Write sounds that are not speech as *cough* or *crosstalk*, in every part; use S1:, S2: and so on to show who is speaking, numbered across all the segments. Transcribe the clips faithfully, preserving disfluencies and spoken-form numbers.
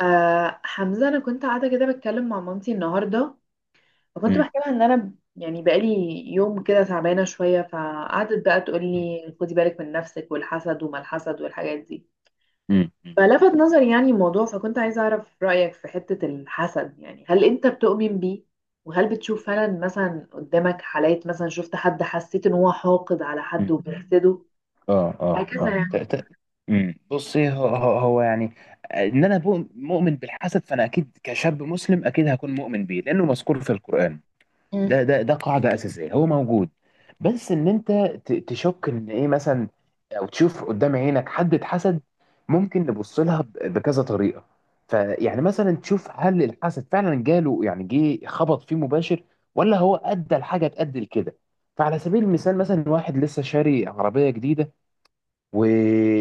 S1: آه حمزة، أنا كنت قاعدة كده بتكلم مع مامتي النهاردة. فكنت
S2: مم.
S1: بحكي لها إن أنا ب- يعني بقالي يوم كده تعبانة شوية، فقعدت بقى تقول لي خدي بالك من نفسك والحسد وما الحسد والحاجات دي.
S2: مم.
S1: فلفت نظري يعني الموضوع، فكنت عايزة أعرف رأيك في حتة الحسد. يعني هل أنت بتؤمن بيه؟ وهل بتشوف فعلا مثلا قدامك حالات، مثلا شفت حد حسيت إن هو حاقد على حد
S2: مم.
S1: وبيحسده؟
S2: اه،
S1: *laughs*
S2: اه،
S1: هكذا
S2: اه. ت-
S1: يعني.
S2: ت- مم. بصي، هو, هو هو يعني ان انا بؤ- مؤمن بالحسد، فانا اكيد كشاب مسلم اكيد هكون مؤمن بيه لانه مذكور في القران.
S1: مم.
S2: ده ده ده قاعده اساسيه، هو موجود. بس ان انت ت- تشك ان ايه مثلا، او تشوف قدام عينك حد اتحسد. ممكن نبص لها ب- بكذا طريقه. فيعني مثلا تشوف، هل الحسد فعلا جاله يعني جه خبط فيه مباشر، ولا هو ادى الحاجه تأدي لكده. فعلى سبيل المثال، مثلا واحد لسه شاري عربيه جديده و...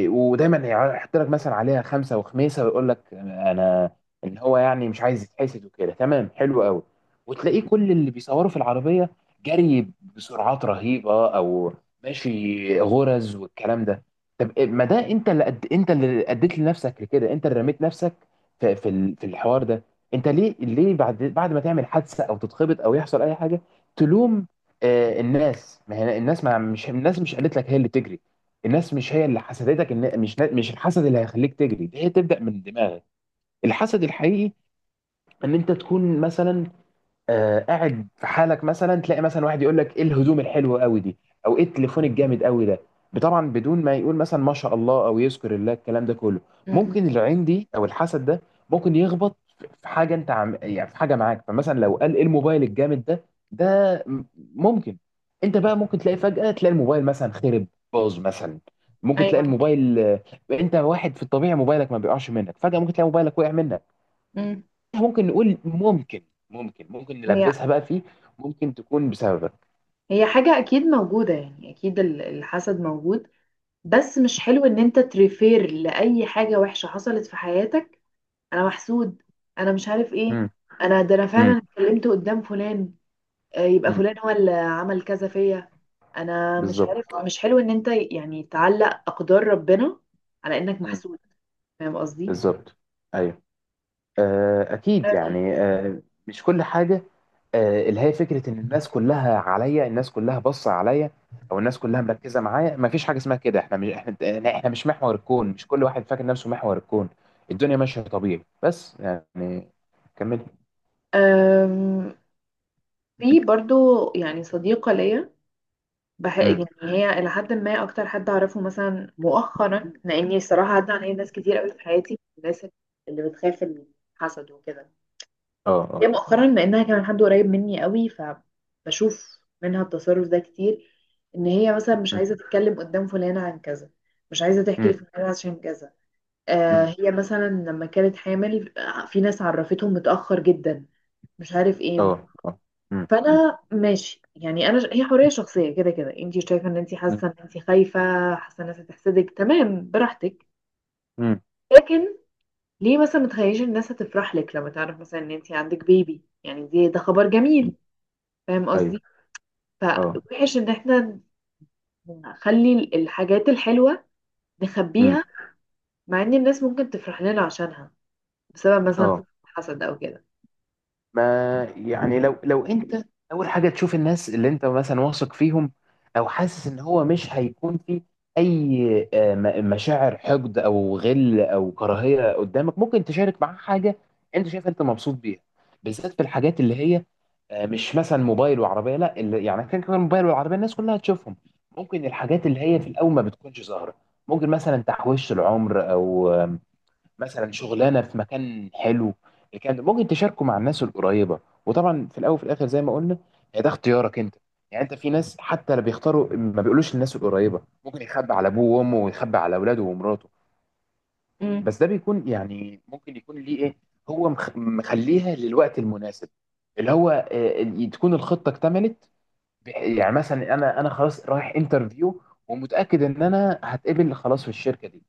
S2: ودايما يحط لك مثلا عليها خمسه وخميسه، ويقول لك انا ان هو يعني مش عايز يتحسد، وكده تمام حلو قوي. وتلاقيه كل اللي بيصوروا في العربيه جري بسرعات رهيبه، او ماشي غرز والكلام ده. طب إيه- ما ده انت اللي قد... انت اللي اديت لنفسك لكده، انت اللي رميت نفسك في في ال- في الحوار ده. انت ليه ليه بعد بعد ما تعمل حادثه او تتخبط او يحصل اي حاجه تلوم؟ آه، الناس ما هي الناس ما مش الناس مش قالت لك هي اللي تجري. الناس مش هي اللي حسدتك، إن مش مش الحسد اللي هيخليك تجري، هي تبدأ من دماغك. الحسد الحقيقي ان انت تكون مثلا آه قاعد في حالك، مثلا تلاقي مثلا واحد يقول لك ايه الهدوم الحلوه قوي دي، او ايه التليفون الجامد قوي ده، طبعا بدون ما يقول مثلا ما شاء الله او يذكر الله الكلام ده كله.
S1: مم.
S2: ممكن العين دي او الحسد ده ممكن يخبط في حاجه انت عم يعني في حاجه معاك. فمثلا لو قال ايه الموبايل الجامد ده، ده م- ممكن انت بقى ممكن تلاقي فجاه تلاقي الموبايل مثلا خرب، باظ مثلا. ممكن تلاقي
S1: أيوه.
S2: الموبايل، آه، انت واحد في الطبيعي موبايلك ما بيقعش منك، فجاه ممكن تلاقي موبايلك وقع منك.
S1: مم.
S2: ممكن نقول ممكن ممكن ممكن
S1: هي
S2: نلبسها بقى فيه، ممكن تكون بسببك.
S1: هي حاجة أكيد موجودة، يعني أكيد ال- الحسد موجود. بس مش حلو إن أنت تريفير لأي حاجة وحشة حصلت في حياتك: أنا محسود، أنا مش عارف إيه،
S2: مم.
S1: أنا ده أنا
S2: مم.
S1: فعلا اتكلمت قدام فلان، آه، يبقى
S2: مم.
S1: فلان هو اللي عمل كذا فيا، أنا مش عارف.
S2: بالظبط.
S1: مش حلو إن أنت يعني تعلق أقدار ربنا على إنك
S2: مم.
S1: محسود. فاهم قصدي؟
S2: بالظبط. ايوه. آه اكيد يعني آه مش كل حاجه. آه اللي هي فكره ان الناس كلها عليا، الناس كلها باصه عليا، او الناس كلها مركزه معايا. ما فيش حاجه اسمها كده. احنا مش احنا احنا مش محور الكون، مش كل واحد فاكر نفسه محور الكون. الدنيا ماشيه طبيعي بس. يعني كمل.
S1: أم، في برضو يعني صديقة ليا، بح...
S2: مم.
S1: يعني هي إلى حد ما أكتر حد أعرفه مثلا مؤخرا، لأني الصراحة عدى عليا ناس كتير قوي في حياتي، الناس اللي بتخاف من الحسد وكده.
S2: اه،
S1: هي
S2: اه.
S1: مؤخرا، لأنها كمان حد قريب مني قوي، فبشوف منها التصرف ده كتير. إن هي مثلا مش
S2: مم.
S1: عايزة تتكلم قدام فلانة عن كذا، مش عايزة تحكي
S2: مم.
S1: لفلانة عشان كذا، آه
S2: مم.
S1: هي مثلا لما كانت حامل، آه، في ناس عرفتهم متأخر جدا، مش عارف ايه.
S2: اه، اه. مم.
S1: فانا ماشي، يعني انا ش... هي حريه شخصيه، كده كده انت شايفه ان انت
S2: مم.
S1: حاسه ان انت خايفه، حاسه الناس هتحسدك، تمام براحتك.
S2: امم.
S1: لكن ليه مثلا ما تخليش الناس هتفرح لك لما تعرف مثلا ان انت عندك بيبي؟ يعني دي ده خبر جميل. فاهم
S2: ايوه.
S1: قصدي؟
S2: اه.
S1: فوحش ان احنا نخلي ال- الحاجات الحلوه
S2: امم.
S1: نخبيها، مع ان الناس ممكن تفرح لنا عشانها، بسبب مثلا خوف
S2: اه.
S1: حسد او كده.
S2: ما يعني لو لو انت، اول حاجه تشوف الناس اللي انت مثلا واثق فيهم، او حاسس ان هو مش هيكون في اي آه، م- مشاعر حقد او غل او كراهيه قدامك، ممكن تشارك معاه حاجه انت شايف انت مبسوط بيها. بالذات في الحاجات اللي هي آه، مش مثلا موبايل وعربيه، لا اللي يعني كان كمان موبايل والعربيه الناس كلها تشوفهم. ممكن الحاجات اللي هي في الاول ما بتكونش ظاهره، ممكن مثلا تحويش العمر، او آه، مثلا شغلانه في مكان حلو، الكلام ده ممكن تشاركه مع الناس القريبه. وطبعا في الاول وفي الاخر زي ما قلنا، يعني ده اختيارك انت. يعني انت في ناس حتى لا بيختاروا ما بيقولوش للناس القريبه، ممكن يخبي على ابوه وامه ويخبي على اولاده ومراته.
S1: مم.
S2: بس ده بيكون يعني ممكن يكون ليه ايه، هو مخ- مخليها للوقت المناسب، اللي هو آه، ال- تكون الخطه اكتملت. بح- يعني مثلا انا انا خلاص رايح انترفيو، ومتاكد ان انا هتقبل خلاص في الشركه دي.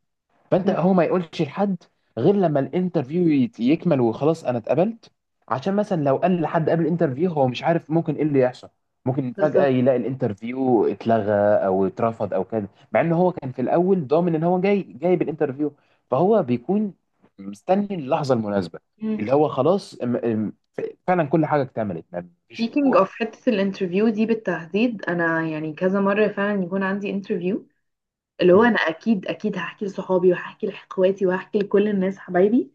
S2: فانت
S1: مم.
S2: هو ما يقولش لحد غير لما الانترفيو يت- يكمل، وخلاص انا اتقبلت. عشان مثلا لو قال لحد قبل الانترفيو، هو مش عارف ممكن ايه اللي يحصل، ممكن فجأة
S1: بالظبط.
S2: يلاقي الانترفيو اتلغى او اترفض او كده، مع ان هو كان في الاول ضامن ان هو جاي جاي بالانترفيو. فهو بيكون مستني اللحظة المناسبة، اللي هو خلاص ام- ام- ف- فعلا كل حاجة اكتملت، ما فيش
S1: Speaking
S2: رجوع.
S1: of حتة الانترفيو دي بالتحديد، انا يعني كذا مرة فعلا يكون عندي انترفيو، اللي هو انا
S2: مم.
S1: اكيد اكيد هحكي لصحابي وهحكي لاخواتي وهحكي لكل الناس حبايبي.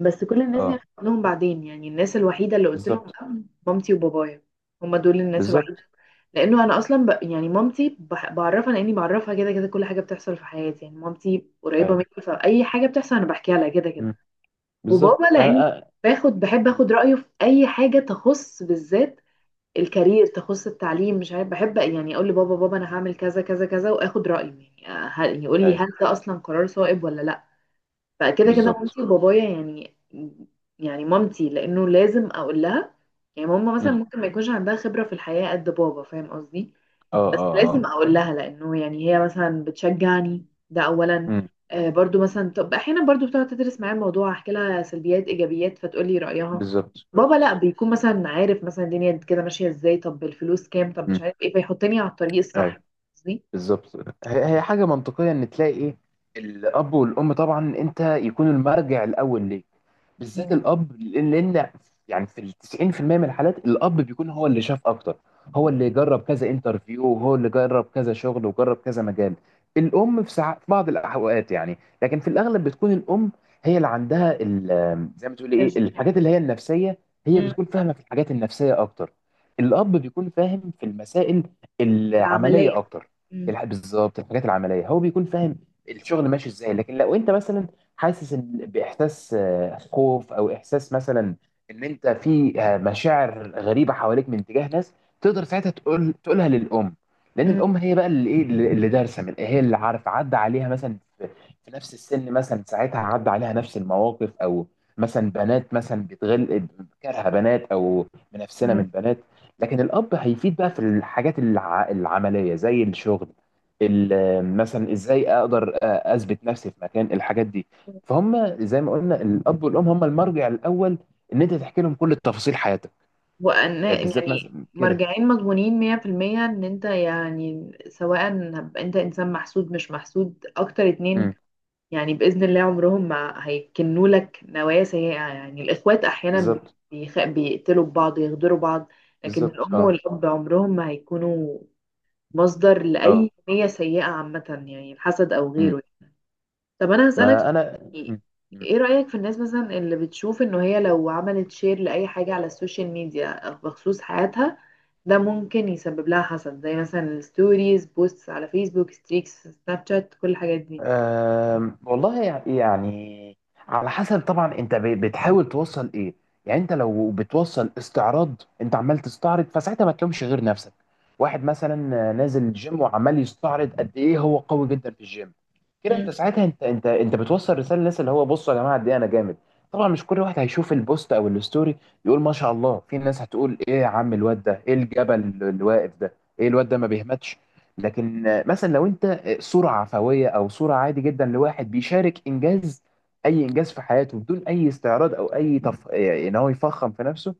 S1: بس كل الناس دي أنا
S2: اه.
S1: هحكي لهم بعدين. يعني الناس الوحيدة اللي قلت لهم
S2: بالظبط.
S1: لأ، مامتي وبابايا. هما دول الناس الوحيدة.
S2: بالظبط.
S1: لانه انا اصلا ب... يعني مامتي بح- بعرفها، لاني بعرفها كده كده، كل حاجه بتحصل في حياتي. يعني مامتي قريبه مني،
S2: ايوه.
S1: فاي حاجه بتحصل انا بحكيها لها كده كده.
S2: مم.
S1: وبابا
S2: بالظبط. أنا-
S1: لاني
S2: أنا-
S1: باخد بحب
S2: مم.
S1: اخد رايه في اي حاجه، تخص بالذات
S2: مم.
S1: الكارير، تخص التعليم، مش عارف، بحب يعني اقول لبابا: بابا انا هعمل كذا كذا كذا، واخد رايه. يعني آه، هل يقول لي
S2: ايوه.
S1: هل ده اصلا قرار صائب ولا لا. فكده كده
S2: بالظبط.
S1: مامتي وبابايا يعني. يعني مامتي لانه لازم اقول لها. يعني ماما مثلا
S2: مم.
S1: ممكن ما يكونش عندها خبره في الحياه قد بابا، فاهم قصدي؟
S2: اه،
S1: بس
S2: اه،
S1: لازم
S2: اه.
S1: اقول
S2: أيوة.
S1: لها لانه يعني هي مثلا بتشجعني، ده اولا.
S2: امم.
S1: آه برضو
S2: مم.
S1: مثلا، طب احيانا برضو بتقعد تدرس معايا الموضوع، احكي لها سلبيات ايجابيات فتقول لي رايها.
S2: بالظبط.
S1: بابا لا،
S2: بالظبط.
S1: بيكون مثلا عارف مثلا الدنيا كده ماشيه ازاي، طب الفلوس كام، طب مش
S2: امم.
S1: عارف ايه، فيحطني على الطريق الصح.
S2: اي.
S1: قصدي.
S2: بالظبط. هي هي حاجه منطقيه ان تلاقي ايه، الاب والام طبعا انت يكون المرجع الاول ليك، بالذات
S1: مم.
S2: الاب، لان لأن يعني في ال تسعين في المية من الحالات الاب بيكون هو اللي شاف اكتر، هو اللي جرب كذا انترفيو، وهو اللي جرب كذا شغل، وجرب كذا مجال. الام في ساعات في بعض الاوقات يعني، لكن في الاغلب بتكون الام هي اللي عندها ال- زي ما تقولي ايه،
S1: تشجيع.
S2: الحاجات اللي هي النفسيه. هي
S1: مم.
S2: بتكون فاهمه في الحاجات النفسيه اكتر، الاب بيكون فاهم في المسائل العمليه
S1: العمليه.
S2: اكتر.
S1: مم.
S2: الح- بالظبط، الحاجات العمليه هو بيكون فاهم، الشغل ماشي ازاي. لكن لو انت مثلا حاسس إن- باحساس آه، خوف او احساس مثلا ان انت في آه، مشاعر غريبه حواليك من تجاه ناس، تقدر ساعتها تقول تقولها للام. لان
S1: مم.
S2: الام هي بقى اللي ايه، اللي اللي دارسه، من هي اللي عارفه عدى عليها مثلا في في نفس السن، مثلا ساعتها عدى عليها نفس المواقف، او مثلا بنات مثلا بتغل، كارهه بنات او منافسنا من
S1: مم.
S2: بنات. لكن الاب هيفيد بقى في الحاجات الع... العمليه زي الشغل، ال- مثلا ازاي اقدر آه، اثبت نفسي في مكان، الحاجات دي. فهم زي ما قلنا الاب والام هم المرجع الاول ان انت تحكي لهم كل تفاصيل حياتك،
S1: وان
S2: آه، بالذات
S1: يعني
S2: مثلا كده.
S1: مرجعين مضمونين مية في المية، ان انت يعني سواء انت انسان محسود مش محسود، اكتر اتنين.
S2: امم.
S1: يعني بإذن الله عمرهم ما هيكنوا لك نوايا سيئة. يعني الإخوات أحيانا
S2: بالظبط.
S1: بيخ... بيقتلوا بعض، يغدروا بعض، لكن
S2: بالظبط.
S1: الأم
S2: اه،
S1: والأب عمرهم ما هيكونوا مصدر لأي
S2: اه.
S1: نية سيئة عامة، يعني الحسد أو
S2: امم.
S1: غيره. طب أنا هسألك
S2: ما
S1: سؤال،
S2: انا
S1: يعني
S2: مم.
S1: إيه رأيك في الناس مثلا اللي بتشوف إنه هي لو عملت شير لأي حاجة على السوشيال ميديا بخصوص حياتها، ده ممكن يسبب لها حسد، زي مثلا الستوريز، بوستس على فيسبوك، ستريكس سناب شات، كل الحاجات دي؟
S2: أم، والله يع- يعني، على حسب طبعا انت ب- بتحاول توصل ايه. يعني انت لو بتوصل استعراض، انت عمال تستعرض، فساعتها ما تلومش غير نفسك. واحد مثلا نازل الجيم، وعمال يستعرض قد ايه هو قوي جدا في الجيم، كده انت ساعتها انت انت انت بتوصل رساله للناس اللي هو بصوا يا جماعه قد ايه انا جامد. طبعا مش كل واحد هيشوف البوست او الستوري يقول ما شاء الله، في ناس هتقول ايه يا عم الواد ده، ايه الجبل اللي واقف ده، ايه الواد ده ما بيهمتش. لكن آه، مثلا لو انت آه، صورة عفوية او صورة عادي جدا لواحد بيشارك انجاز، اي انجاز في حياته، بدون اي استعراض او اي تف... آه، ان هو يفخم في نفسه،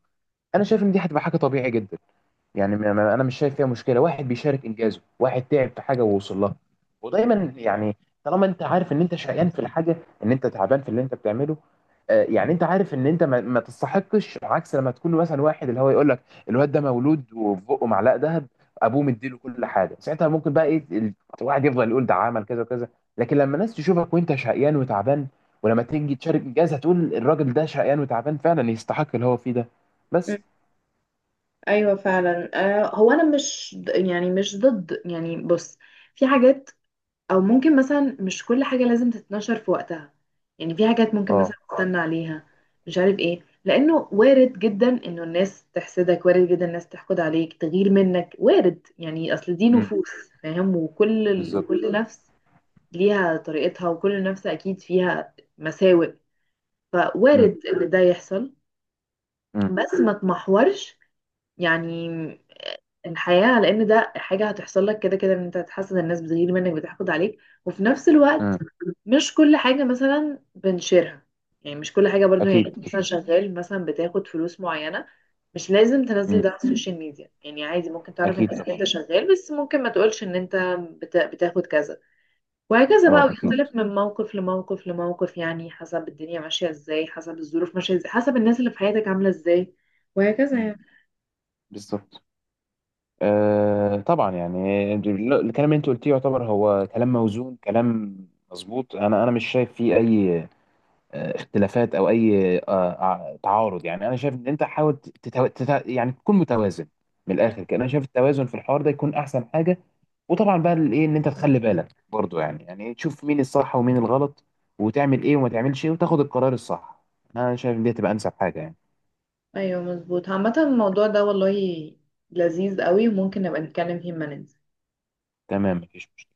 S2: انا شايف ان دي هتبقى حاجة طبيعي جدا. يعني ما- ما- انا مش شايف فيها مشكله، واحد بيشارك انجازه، واحد تعب في حاجه ووصل لها. ودايما يعني طالما انت عارف ان انت شقيان في الحاجه، ان انت تعبان في اللي انت بتعمله، آه، يعني انت عارف ان انت ما, ما تستحقش. عكس لما تكون مثلا واحد اللي هو يقول لك الواد ده مولود وفي بقه معلقه ذهب، ابوه مديله كل حاجه، ساعتها ممكن بقى ايه ال- الواحد يفضل يقول ده عمل كذا وكذا. لكن لما الناس تشوفك وانت شقيان وتعبان، ولما تيجي تشارك انجاز هتقول الراجل ده شقيان وتعبان فعلا يستحق اللي هو فيه ده.
S1: مم.
S2: بس.
S1: ايوه فعلا. آه هو انا مش ض- يعني مش ضد، يعني بص، في حاجات، او ممكن مثلا مش كل حاجه لازم تتنشر في وقتها. يعني في حاجات ممكن مثلا
S2: اه.
S1: تستنى عليها، مش عارف ايه، لانه وارد جدا انه الناس تحسدك، وارد جدا الناس تحقد عليك، تغير منك، وارد، يعني اصل دي
S2: امم.
S1: نفوس، فاهم؟ وكل ال...
S2: بالظبط.
S1: وكل نفس ليها طريقتها، وكل نفس اكيد فيها مساوئ،
S2: مم.
S1: فوارد ان ده يحصل.
S2: مم.
S1: بس ما تمحورش يعني الحياة، لأن ده حاجة هتحصل لك كده كده، إن أنت هتحسد، الناس بتغير منك بتحقد عليك. وفي نفس الوقت
S2: مم.
S1: مش كل حاجة مثلا بنشيرها. يعني مش كل حاجة برضو، يعني
S2: اكيد،
S1: أنت مثلا
S2: اكيد.
S1: شغال، مثلا بتاخد فلوس معينة، مش لازم تنزل
S2: مم.
S1: ده على السوشيال ميديا. يعني عادي ممكن تعرف الناس
S2: اكيد
S1: إن
S2: طبعا.
S1: أنت شغال، بس ممكن ما تقولش إن أنت بت- بتاخد كذا. وهكذا بقى،
S2: اه، اكيد.
S1: ويختلف من موقف لموقف لموقف. يعني حسب الدنيا ماشية إزاي، حسب الظروف ماشية إزاي، حسب الناس اللي في حياتك عاملة إزاي، وهكذا
S2: مم.
S1: يعني.
S2: بالظبط. آه، طبعا يعني الكلام اللي انت قلتيه يعتبر هو كلام موزون، كلام مظبوط. انا انا مش شايف فيه اي آه، اختلافات او اي آه، آه، تعارض. يعني انا شايف ان انت حاول تتو... تت... يعني تكون متوازن، من الاخر كده انا شايف التوازن في الحوار ده يكون احسن حاجه. وطبعا بقى الايه ان انت تخلي بالك برضو، يعني يعني تشوف مين الصح ومين الغلط، وتعمل ايه وما تعملش ايه، وتاخد القرار الصح. انا شايف ان دي تبقى انسب حاجه يعني.
S1: ايوه مظبوط. عامة الموضوع ده والله لذيذ قوي، وممكن نبقى نتكلم فيه لما ننزل.
S2: تمام، مفيش مشكله.